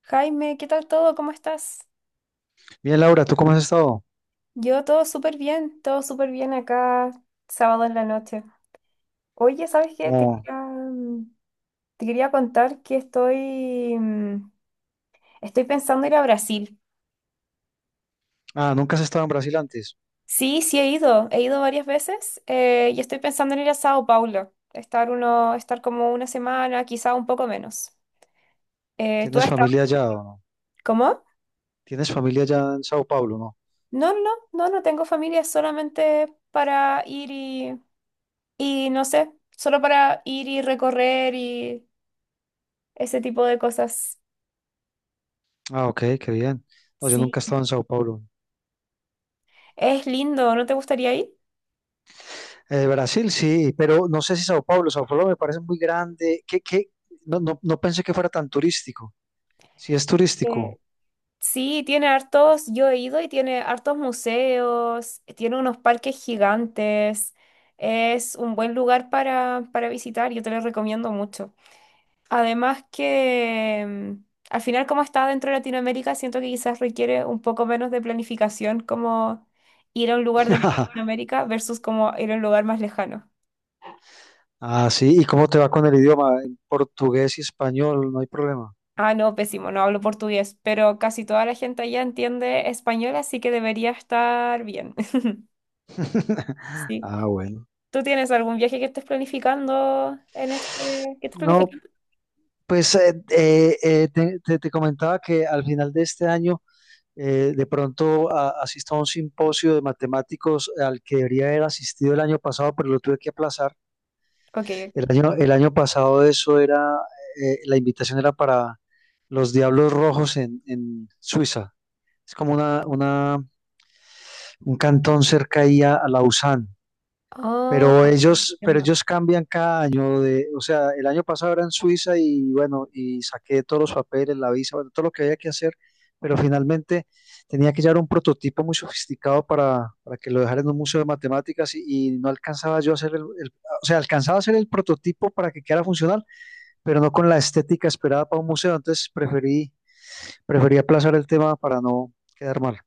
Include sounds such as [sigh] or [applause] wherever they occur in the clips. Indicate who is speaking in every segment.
Speaker 1: Jaime, ¿qué tal todo? ¿Cómo estás?
Speaker 2: Bien, Laura, ¿tú cómo has estado?
Speaker 1: Yo todo súper bien acá, sábado en la noche. Oye, ¿sabes qué? Te
Speaker 2: Como,
Speaker 1: quería, te quería contar que estoy, estoy pensando ir a Brasil.
Speaker 2: nunca has estado en Brasil antes.
Speaker 1: Sí, sí he ido varias veces y estoy pensando en ir a Sao Paulo, estar uno, estar como una semana, quizá un poco menos. ¿Tú has
Speaker 2: ¿Tienes
Speaker 1: estado?
Speaker 2: familia allá o no?
Speaker 1: ¿Cómo?
Speaker 2: ¿Tienes familia allá en Sao Paulo, no?
Speaker 1: No, no, no, no tengo familia, solamente para ir y no sé, solo para ir y recorrer y ese tipo de cosas.
Speaker 2: Ah, ok, qué bien. No, yo nunca he
Speaker 1: Sí.
Speaker 2: estado en Sao Paulo.
Speaker 1: Es lindo, ¿no te gustaría ir?
Speaker 2: Brasil sí, pero no sé si Sao Paulo. Sao Paulo me parece muy grande. ¿Qué? No, no, no pensé que fuera tan turístico. Sí, es
Speaker 1: Eh,
Speaker 2: turístico.
Speaker 1: sí, tiene hartos, yo he ido y tiene hartos museos, tiene unos parques gigantes. Es un buen lugar para visitar, yo te lo recomiendo mucho. Además que al final como está dentro de Latinoamérica, siento que quizás requiere un poco menos de planificación como ir a un lugar de
Speaker 2: [laughs]
Speaker 1: Latinoamérica versus como ir a un lugar más lejano.
Speaker 2: Ah, sí. ¿Y cómo te va con el idioma? En portugués y español, no hay problema.
Speaker 1: Ah, no, pésimo, no hablo portugués, pero casi toda la gente allá entiende español, así que debería estar bien. [laughs]
Speaker 2: [laughs]
Speaker 1: Sí.
Speaker 2: Ah, bueno.
Speaker 1: ¿Tú tienes algún viaje que estés planificando en este? ¿Qué estás
Speaker 2: No,
Speaker 1: planificando?
Speaker 2: pues te comentaba que al final de este año de pronto asista a un simposio de matemáticos al que debería haber asistido el año pasado, pero lo tuve que aplazar.
Speaker 1: Ok,
Speaker 2: El
Speaker 1: ok.
Speaker 2: año, el año pasado eso era, la invitación era para los Diablos Rojos en Suiza. Es como un cantón cerca ahí a Lausanne.
Speaker 1: Ah,
Speaker 2: Pero ellos, pero
Speaker 1: entiendo.
Speaker 2: ellos cambian cada año o sea, el año pasado era en Suiza y bueno, y saqué todos los papeles, la visa, bueno, todo lo que había que hacer, pero finalmente tenía que llevar un prototipo muy sofisticado para que lo dejara en un museo de matemáticas y no alcanzaba yo a hacer o sea, alcanzaba a hacer el prototipo para que quedara funcional, pero no con la estética esperada para un museo, entonces preferí aplazar el tema para no quedar mal.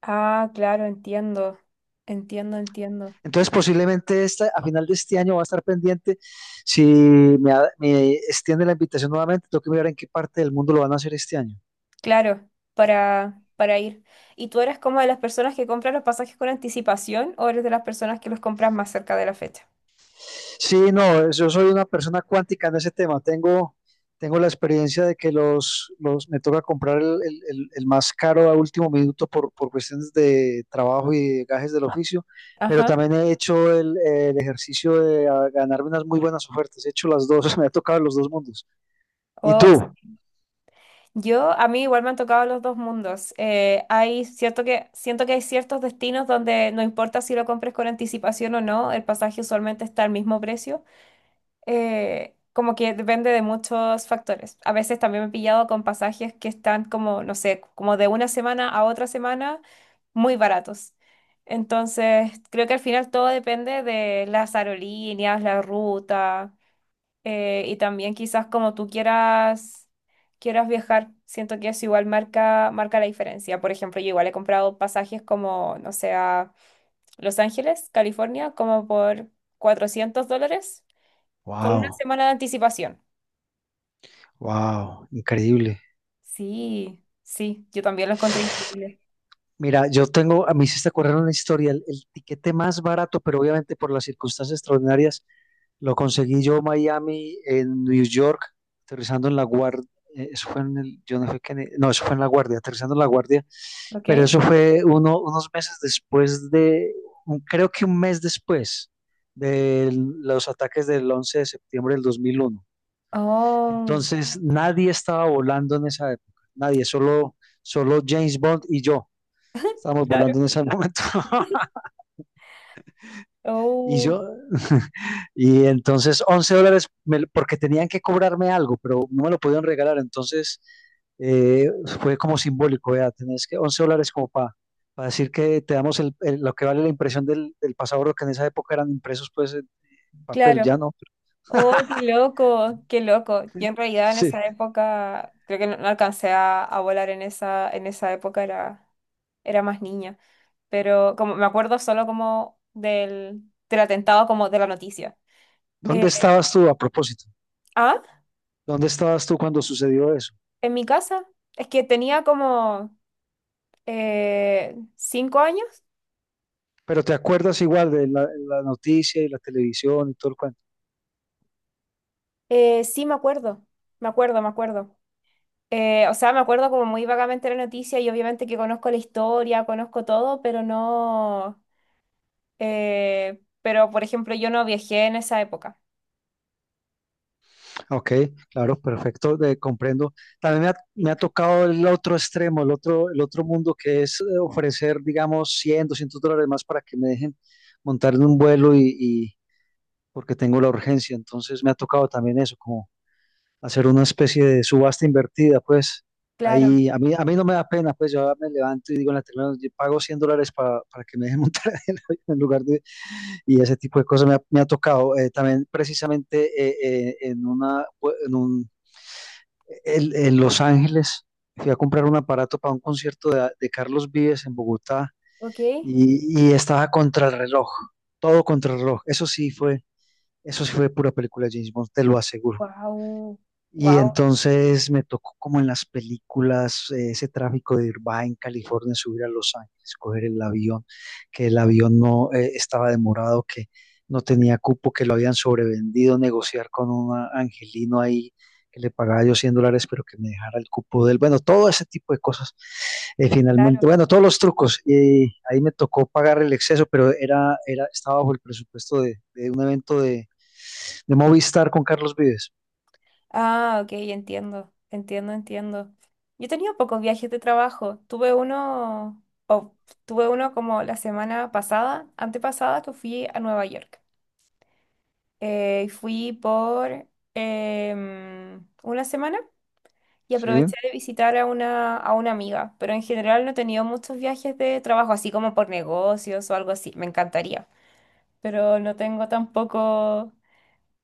Speaker 1: Ah, claro, entiendo. Entiendo, entiendo.
Speaker 2: Entonces, posiblemente a final de este año va a estar pendiente. Si me extiende la invitación nuevamente, tengo que mirar en qué parte del mundo lo van a hacer este año.
Speaker 1: Claro, para ir. ¿Y tú eres como de las personas que compran los pasajes con anticipación o eres de las personas que los compras más cerca de la fecha?
Speaker 2: Sí, no, yo soy una persona cuántica en ese tema. Tengo la experiencia de que los me toca comprar el más caro a último minuto por cuestiones de trabajo y de gajes del oficio, pero
Speaker 1: Ajá.
Speaker 2: también he hecho el ejercicio de ganarme unas muy buenas ofertas. He hecho las dos, [laughs] me ha tocado los dos mundos. ¿Y
Speaker 1: O
Speaker 2: tú?
Speaker 1: yo, a mí igual me han tocado los dos mundos. Hay cierto que, siento que hay ciertos destinos donde no importa si lo compres con anticipación o no, el pasaje usualmente está al mismo precio. Como que depende de muchos factores. A veces también me he pillado con pasajes que están como, no sé, como de una semana a otra semana, muy baratos. Entonces, creo que al final todo depende de las aerolíneas, la ruta y también quizás como tú quieras, quieras viajar, siento que eso igual marca, marca la diferencia. Por ejemplo, yo igual he comprado pasajes como, no sé, a Los Ángeles, California, como por $400 con una
Speaker 2: Wow.
Speaker 1: semana de anticipación.
Speaker 2: Wow, increíble.
Speaker 1: Sí, sí, yo también lo encontré increíble.
Speaker 2: Mira, yo tengo, a mí sí se correr una historia, el tiquete más barato, pero obviamente por las circunstancias extraordinarias, lo conseguí yo en Miami, en New York, aterrizando en la guardia. Eso fue en el, yo no fue que, en- no, eso fue en la guardia, aterrizando en la guardia,
Speaker 1: ¿Ok?
Speaker 2: pero eso fue unos meses después de, creo que un mes después de los ataques del 11 de septiembre de 2001.
Speaker 1: Oh,
Speaker 2: Entonces nadie estaba volando en esa época, nadie, solo James Bond y yo estábamos
Speaker 1: claro.
Speaker 2: volando en ese momento. [laughs] Y
Speaker 1: Oh,
Speaker 2: yo, [laughs] y entonces $11, porque tenían que cobrarme algo, pero no me lo podían regalar, entonces eh, fue como simbólico, vea, tenés que $11 como para decir que te damos lo que vale la impresión del pasaporte, que en esa época eran impresos pues en papel, ya
Speaker 1: claro.
Speaker 2: no.
Speaker 1: Oh, qué loco, qué loco. Yo en realidad en
Speaker 2: Sí.
Speaker 1: esa época, creo que no, no alcancé a volar en esa época, era, era más niña. Pero como me acuerdo solo como del, del atentado, como de la noticia. Eh,
Speaker 2: ¿Dónde estabas tú a propósito?
Speaker 1: ah,
Speaker 2: ¿Dónde estabas tú cuando sucedió eso?
Speaker 1: en mi casa, es que tenía como 5 años.
Speaker 2: Pero te acuerdas igual de la noticia y la televisión y todo el cuento.
Speaker 1: Sí, me acuerdo, me acuerdo, me acuerdo. O sea, me acuerdo como muy vagamente la noticia y obviamente que conozco la historia, conozco todo, pero no. Pero, por ejemplo, yo no viajé en esa época.
Speaker 2: Ok, claro, perfecto, comprendo. También me ha tocado el otro extremo, el otro mundo que es ofrecer, digamos, 100, $200 más para que me dejen montar en un vuelo porque tengo la urgencia. Entonces me ha tocado también eso, como hacer una especie de subasta invertida, pues.
Speaker 1: Claro,
Speaker 2: Ahí, a mí no me da pena, pues yo me levanto y digo en la terminal, yo pago $100 para que me dejen montar [laughs] en el avión en lugar de... Y ese tipo de cosas me ha tocado. También precisamente pues, en Los Ángeles, fui a comprar un aparato para un concierto de Carlos Vives en Bogotá
Speaker 1: ok.
Speaker 2: y estaba contra el reloj, todo contra el reloj. Eso sí fue pura película de James Bond, te lo aseguro.
Speaker 1: Wow,
Speaker 2: Y
Speaker 1: wow,
Speaker 2: entonces me tocó como en las películas, ese tráfico de Irvine, California, subir a Los Ángeles, coger el avión, que el avión no estaba demorado, que no tenía cupo, que lo habían sobrevendido, negociar con un angelino ahí que le pagaba yo $100, pero que me dejara el cupo de él. Bueno, todo ese tipo de cosas.
Speaker 1: claro.
Speaker 2: Finalmente, bueno, todos los trucos. Ahí me tocó pagar el exceso, pero estaba bajo el presupuesto de un evento de Movistar con Carlos Vives.
Speaker 1: Ah, ok, entiendo, entiendo, entiendo. Yo he tenido pocos viajes de trabajo. Tuve uno, o tuve uno como la semana pasada, antepasada, que fui a Nueva York. Fui por una semana y
Speaker 2: Sí,
Speaker 1: aproveché de visitar a una amiga, pero en general no he tenido muchos viajes de trabajo, así como por negocios o algo así, me encantaría, pero no tengo tampoco...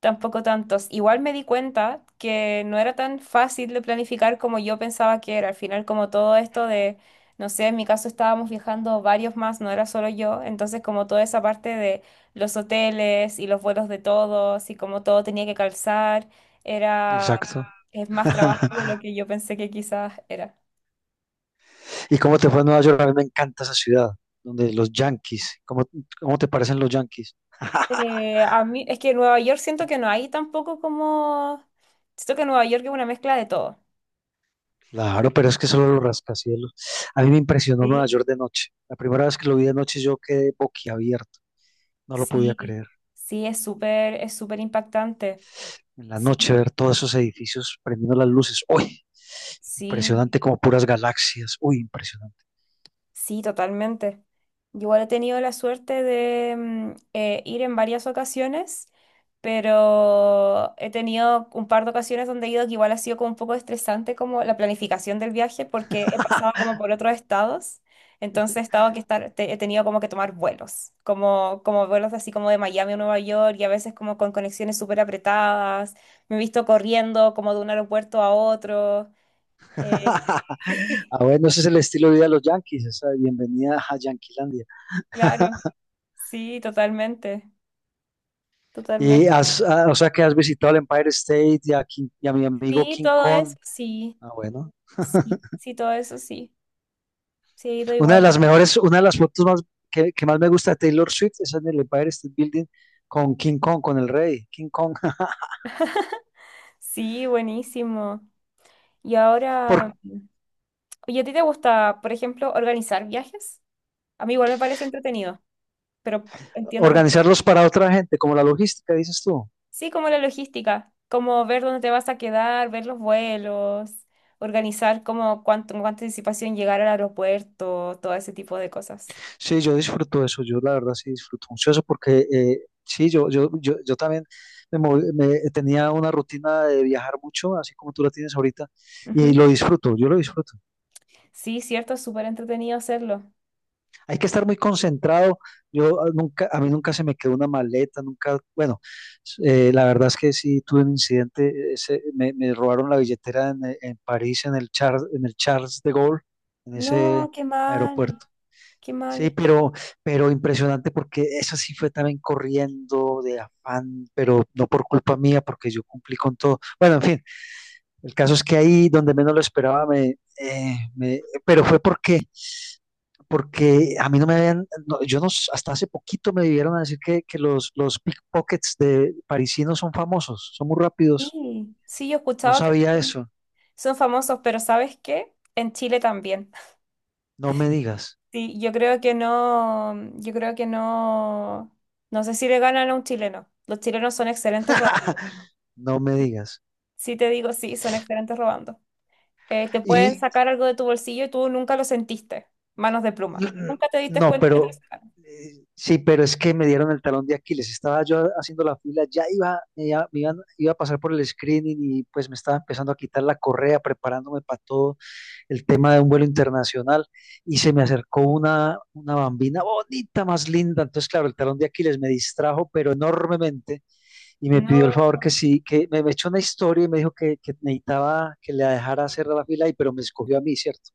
Speaker 1: Tampoco tantos. Igual me di cuenta que no era tan fácil de planificar como yo pensaba que era. Al final, como todo esto de, no sé, en mi caso estábamos viajando varios más, no era solo yo. Entonces, como toda esa parte de los hoteles y los vuelos de todos y como todo tenía que calzar, era,
Speaker 2: exacto.
Speaker 1: es más
Speaker 2: [laughs]
Speaker 1: trabajo de lo que yo pensé que quizás era.
Speaker 2: ¿Y cómo te fue en Nueva York? A mí me encanta esa ciudad, donde los Yankees, ¿cómo te parecen los Yankees?
Speaker 1: A mí, es que en Nueva York siento que no hay tampoco como, siento que Nueva York es una mezcla de todo.
Speaker 2: Claro, pero es que solo los rascacielos. A mí me impresionó Nueva
Speaker 1: Sí.
Speaker 2: York de noche. La primera vez que lo vi de noche yo quedé boquiabierto, no lo podía
Speaker 1: Sí,
Speaker 2: creer.
Speaker 1: sí, es súper impactante.
Speaker 2: En la
Speaker 1: Sí,
Speaker 2: noche ver todos esos edificios prendiendo las luces. ¡Uy!
Speaker 1: sí.
Speaker 2: Impresionante como puras galaxias. Uy, impresionante.
Speaker 1: Sí, totalmente. Yo igual he tenido la suerte de ir en varias ocasiones, pero he tenido un par de ocasiones donde he ido que igual ha sido como un poco estresante como la planificación del viaje porque he pasado
Speaker 2: [laughs]
Speaker 1: como por otros estados, entonces he estado que estar, he tenido como que tomar vuelos, como, como vuelos así como de Miami a Nueva York y a veces como con conexiones súper apretadas, me he visto corriendo como de un aeropuerto a otro. eh, [laughs] sí,
Speaker 2: Ah, bueno, ese es el estilo de vida de los Yankees, esa bienvenida a Yanquilandia.
Speaker 1: claro, sí, totalmente.
Speaker 2: Y
Speaker 1: Totalmente.
Speaker 2: o sea que has visitado el Empire State y y a mi amigo
Speaker 1: Sí,
Speaker 2: King
Speaker 1: todo
Speaker 2: Kong.
Speaker 1: eso, sí,
Speaker 2: Ah, bueno.
Speaker 1: sí, sí, todo eso, sí. Sí, he ido
Speaker 2: Una de
Speaker 1: igual.
Speaker 2: las mejores, una de las fotos más que más me gusta de Taylor Swift es en el Empire State Building con King Kong, con el rey, King Kong.
Speaker 1: Sí, buenísimo. Y
Speaker 2: [laughs] Por
Speaker 1: ahora, oye, ¿a ti te gusta, por ejemplo, organizar viajes? A mí igual me parece entretenido, pero entiendo que
Speaker 2: organizarlos para otra gente, como la logística, dices tú.
Speaker 1: sí, como la logística, como ver dónde te vas a quedar, ver los vuelos, organizar como cuánto, con cuánta anticipación llegar al aeropuerto, todo ese tipo de cosas.
Speaker 2: Sí, yo disfruto eso, yo la verdad sí disfruto mucho eso porque sí, yo también tenía una rutina de viajar mucho, así como tú la tienes ahorita, y
Speaker 1: Ujú.
Speaker 2: lo disfruto, yo lo disfruto.
Speaker 1: Sí, cierto, es súper entretenido hacerlo.
Speaker 2: Hay que estar muy concentrado. Yo nunca, a mí nunca se me quedó una maleta, nunca, bueno, s- la verdad es que sí tuve un incidente. Me robaron la billetera en París, en el Charles de Gaulle, en
Speaker 1: No,
Speaker 2: ese
Speaker 1: qué mal,
Speaker 2: aeropuerto.
Speaker 1: qué
Speaker 2: Sí,
Speaker 1: mal.
Speaker 2: pero impresionante porque esa sí fue también corriendo de afán, pero no por culpa mía, porque yo cumplí con todo. Bueno, en fin, el caso es que ahí donde menos lo esperaba, pero fue porque a mí no me habían, no, yo no, hasta hace poquito me vivieron a decir que los pickpockets de parisinos son famosos, son muy rápidos.
Speaker 1: Sí, sí, yo he
Speaker 2: No
Speaker 1: escuchado que
Speaker 2: sabía eso.
Speaker 1: son famosos, pero ¿sabes qué? En Chile también. [laughs]
Speaker 2: No me digas,
Speaker 1: Sí, yo creo que no, yo creo que no, no sé si le ganan a un chileno. Los chilenos son excelentes robando.
Speaker 2: no me
Speaker 1: Sí,
Speaker 2: digas.
Speaker 1: sí te digo, sí, son excelentes robando. Te pueden
Speaker 2: Y
Speaker 1: sacar algo de tu bolsillo y tú nunca lo sentiste. Manos de pluma.
Speaker 2: mm,
Speaker 1: Nunca te diste
Speaker 2: no,
Speaker 1: cuenta que te
Speaker 2: pero
Speaker 1: lo sacaron.
Speaker 2: sí, pero es que me dieron el talón de Aquiles. Estaba yo haciendo la fila, iba a pasar por el screening y pues me estaba empezando a quitar la correa, preparándome para todo. El tema de un vuelo internacional y se me acercó una bambina bonita, más linda. Entonces, claro, el talón de Aquiles me distrajo, pero enormemente, y me pidió el
Speaker 1: No,
Speaker 2: favor que sí, que me echó una historia y me dijo que necesitaba que la dejara hacer la fila, pero me escogió a mí, ¿cierto?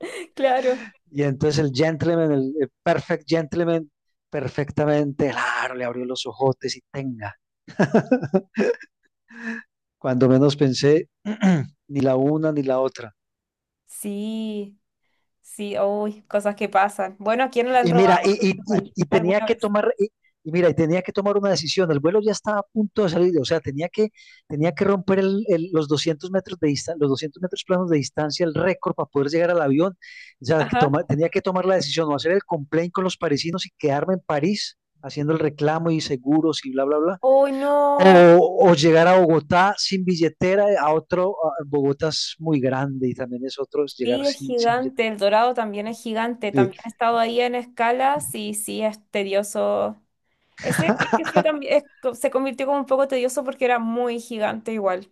Speaker 1: [laughs] claro.
Speaker 2: Y entonces el gentleman, el perfect gentleman, perfectamente, claro, le abrió los ojotes y tenga. Cuando menos pensé, [clears throat] ni la una ni la otra.
Speaker 1: Sí, sí, uy, cosas que pasan. Bueno, ¿a quién no le han
Speaker 2: Y
Speaker 1: robado
Speaker 2: mira, y, y,
Speaker 1: algo
Speaker 2: y,
Speaker 1: igual
Speaker 2: y tenía
Speaker 1: alguna
Speaker 2: que
Speaker 1: vez?
Speaker 2: tomar, y tenía que tomar una decisión. El vuelo ya estaba a punto de salir, o sea, tenía que romper los 200 metros de distancia, los 200 metros planos de distancia, el récord para poder llegar al avión. O sea,
Speaker 1: Ajá.
Speaker 2: tenía que tomar la decisión o hacer el complaint con los parisinos y quedarme en París haciendo el reclamo y seguros y bla, bla, bla.
Speaker 1: Uy, no.
Speaker 2: O llegar a Bogotá sin billetera, Bogotá es muy grande y también es otro es
Speaker 1: Sí,
Speaker 2: llegar
Speaker 1: es
Speaker 2: sin
Speaker 1: gigante,
Speaker 2: billetera.
Speaker 1: el dorado también es gigante,
Speaker 2: Sí.
Speaker 1: también he estado ahí en escalas y sí es tedioso. Ese creo que fue
Speaker 2: [laughs]
Speaker 1: también, se convirtió como un poco tedioso porque era muy gigante igual.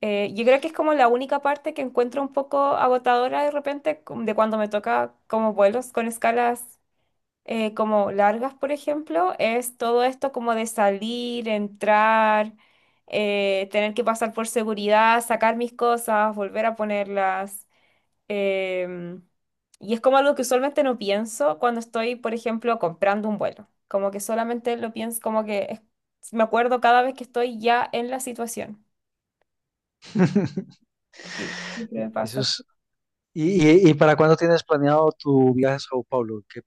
Speaker 1: Yo creo que es como la única parte que encuentro un poco agotadora de repente de cuando me toca como vuelos con escalas como largas, por ejemplo, es todo esto como de salir, entrar, tener que pasar por seguridad, sacar mis cosas, volver a ponerlas. Em, y es como algo que usualmente no pienso cuando estoy, por ejemplo, comprando un vuelo. Como que solamente lo pienso, como que me acuerdo cada vez que estoy ya en la situación. Sí, siempre me
Speaker 2: Eso
Speaker 1: pasa.
Speaker 2: es. ¿Y para cuándo tienes planeado tu viaje a Sao Paulo? ¿En qué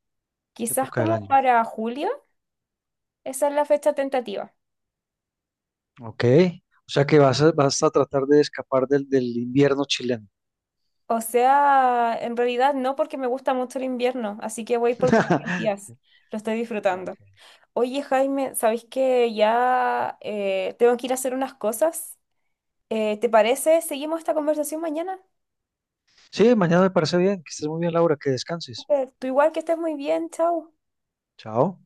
Speaker 1: Quizás
Speaker 2: época del
Speaker 1: como
Speaker 2: año?
Speaker 1: para julio, esa es la fecha tentativa.
Speaker 2: Ok. O sea que vas a tratar de escapar del invierno chileno.
Speaker 1: O sea, en realidad no porque me gusta mucho el invierno, así que voy por poquitos
Speaker 2: [laughs]
Speaker 1: días. Lo estoy
Speaker 2: Ah,
Speaker 1: disfrutando.
Speaker 2: ok.
Speaker 1: Oye, Jaime, ¿sabéis que ya tengo que ir a hacer unas cosas? ¿Te parece? ¿Seguimos esta conversación mañana?
Speaker 2: Sí, mañana me parece bien. Que estés muy bien, Laura. Que descanses.
Speaker 1: Súper. Tú igual que estés muy bien, chao.
Speaker 2: Chao.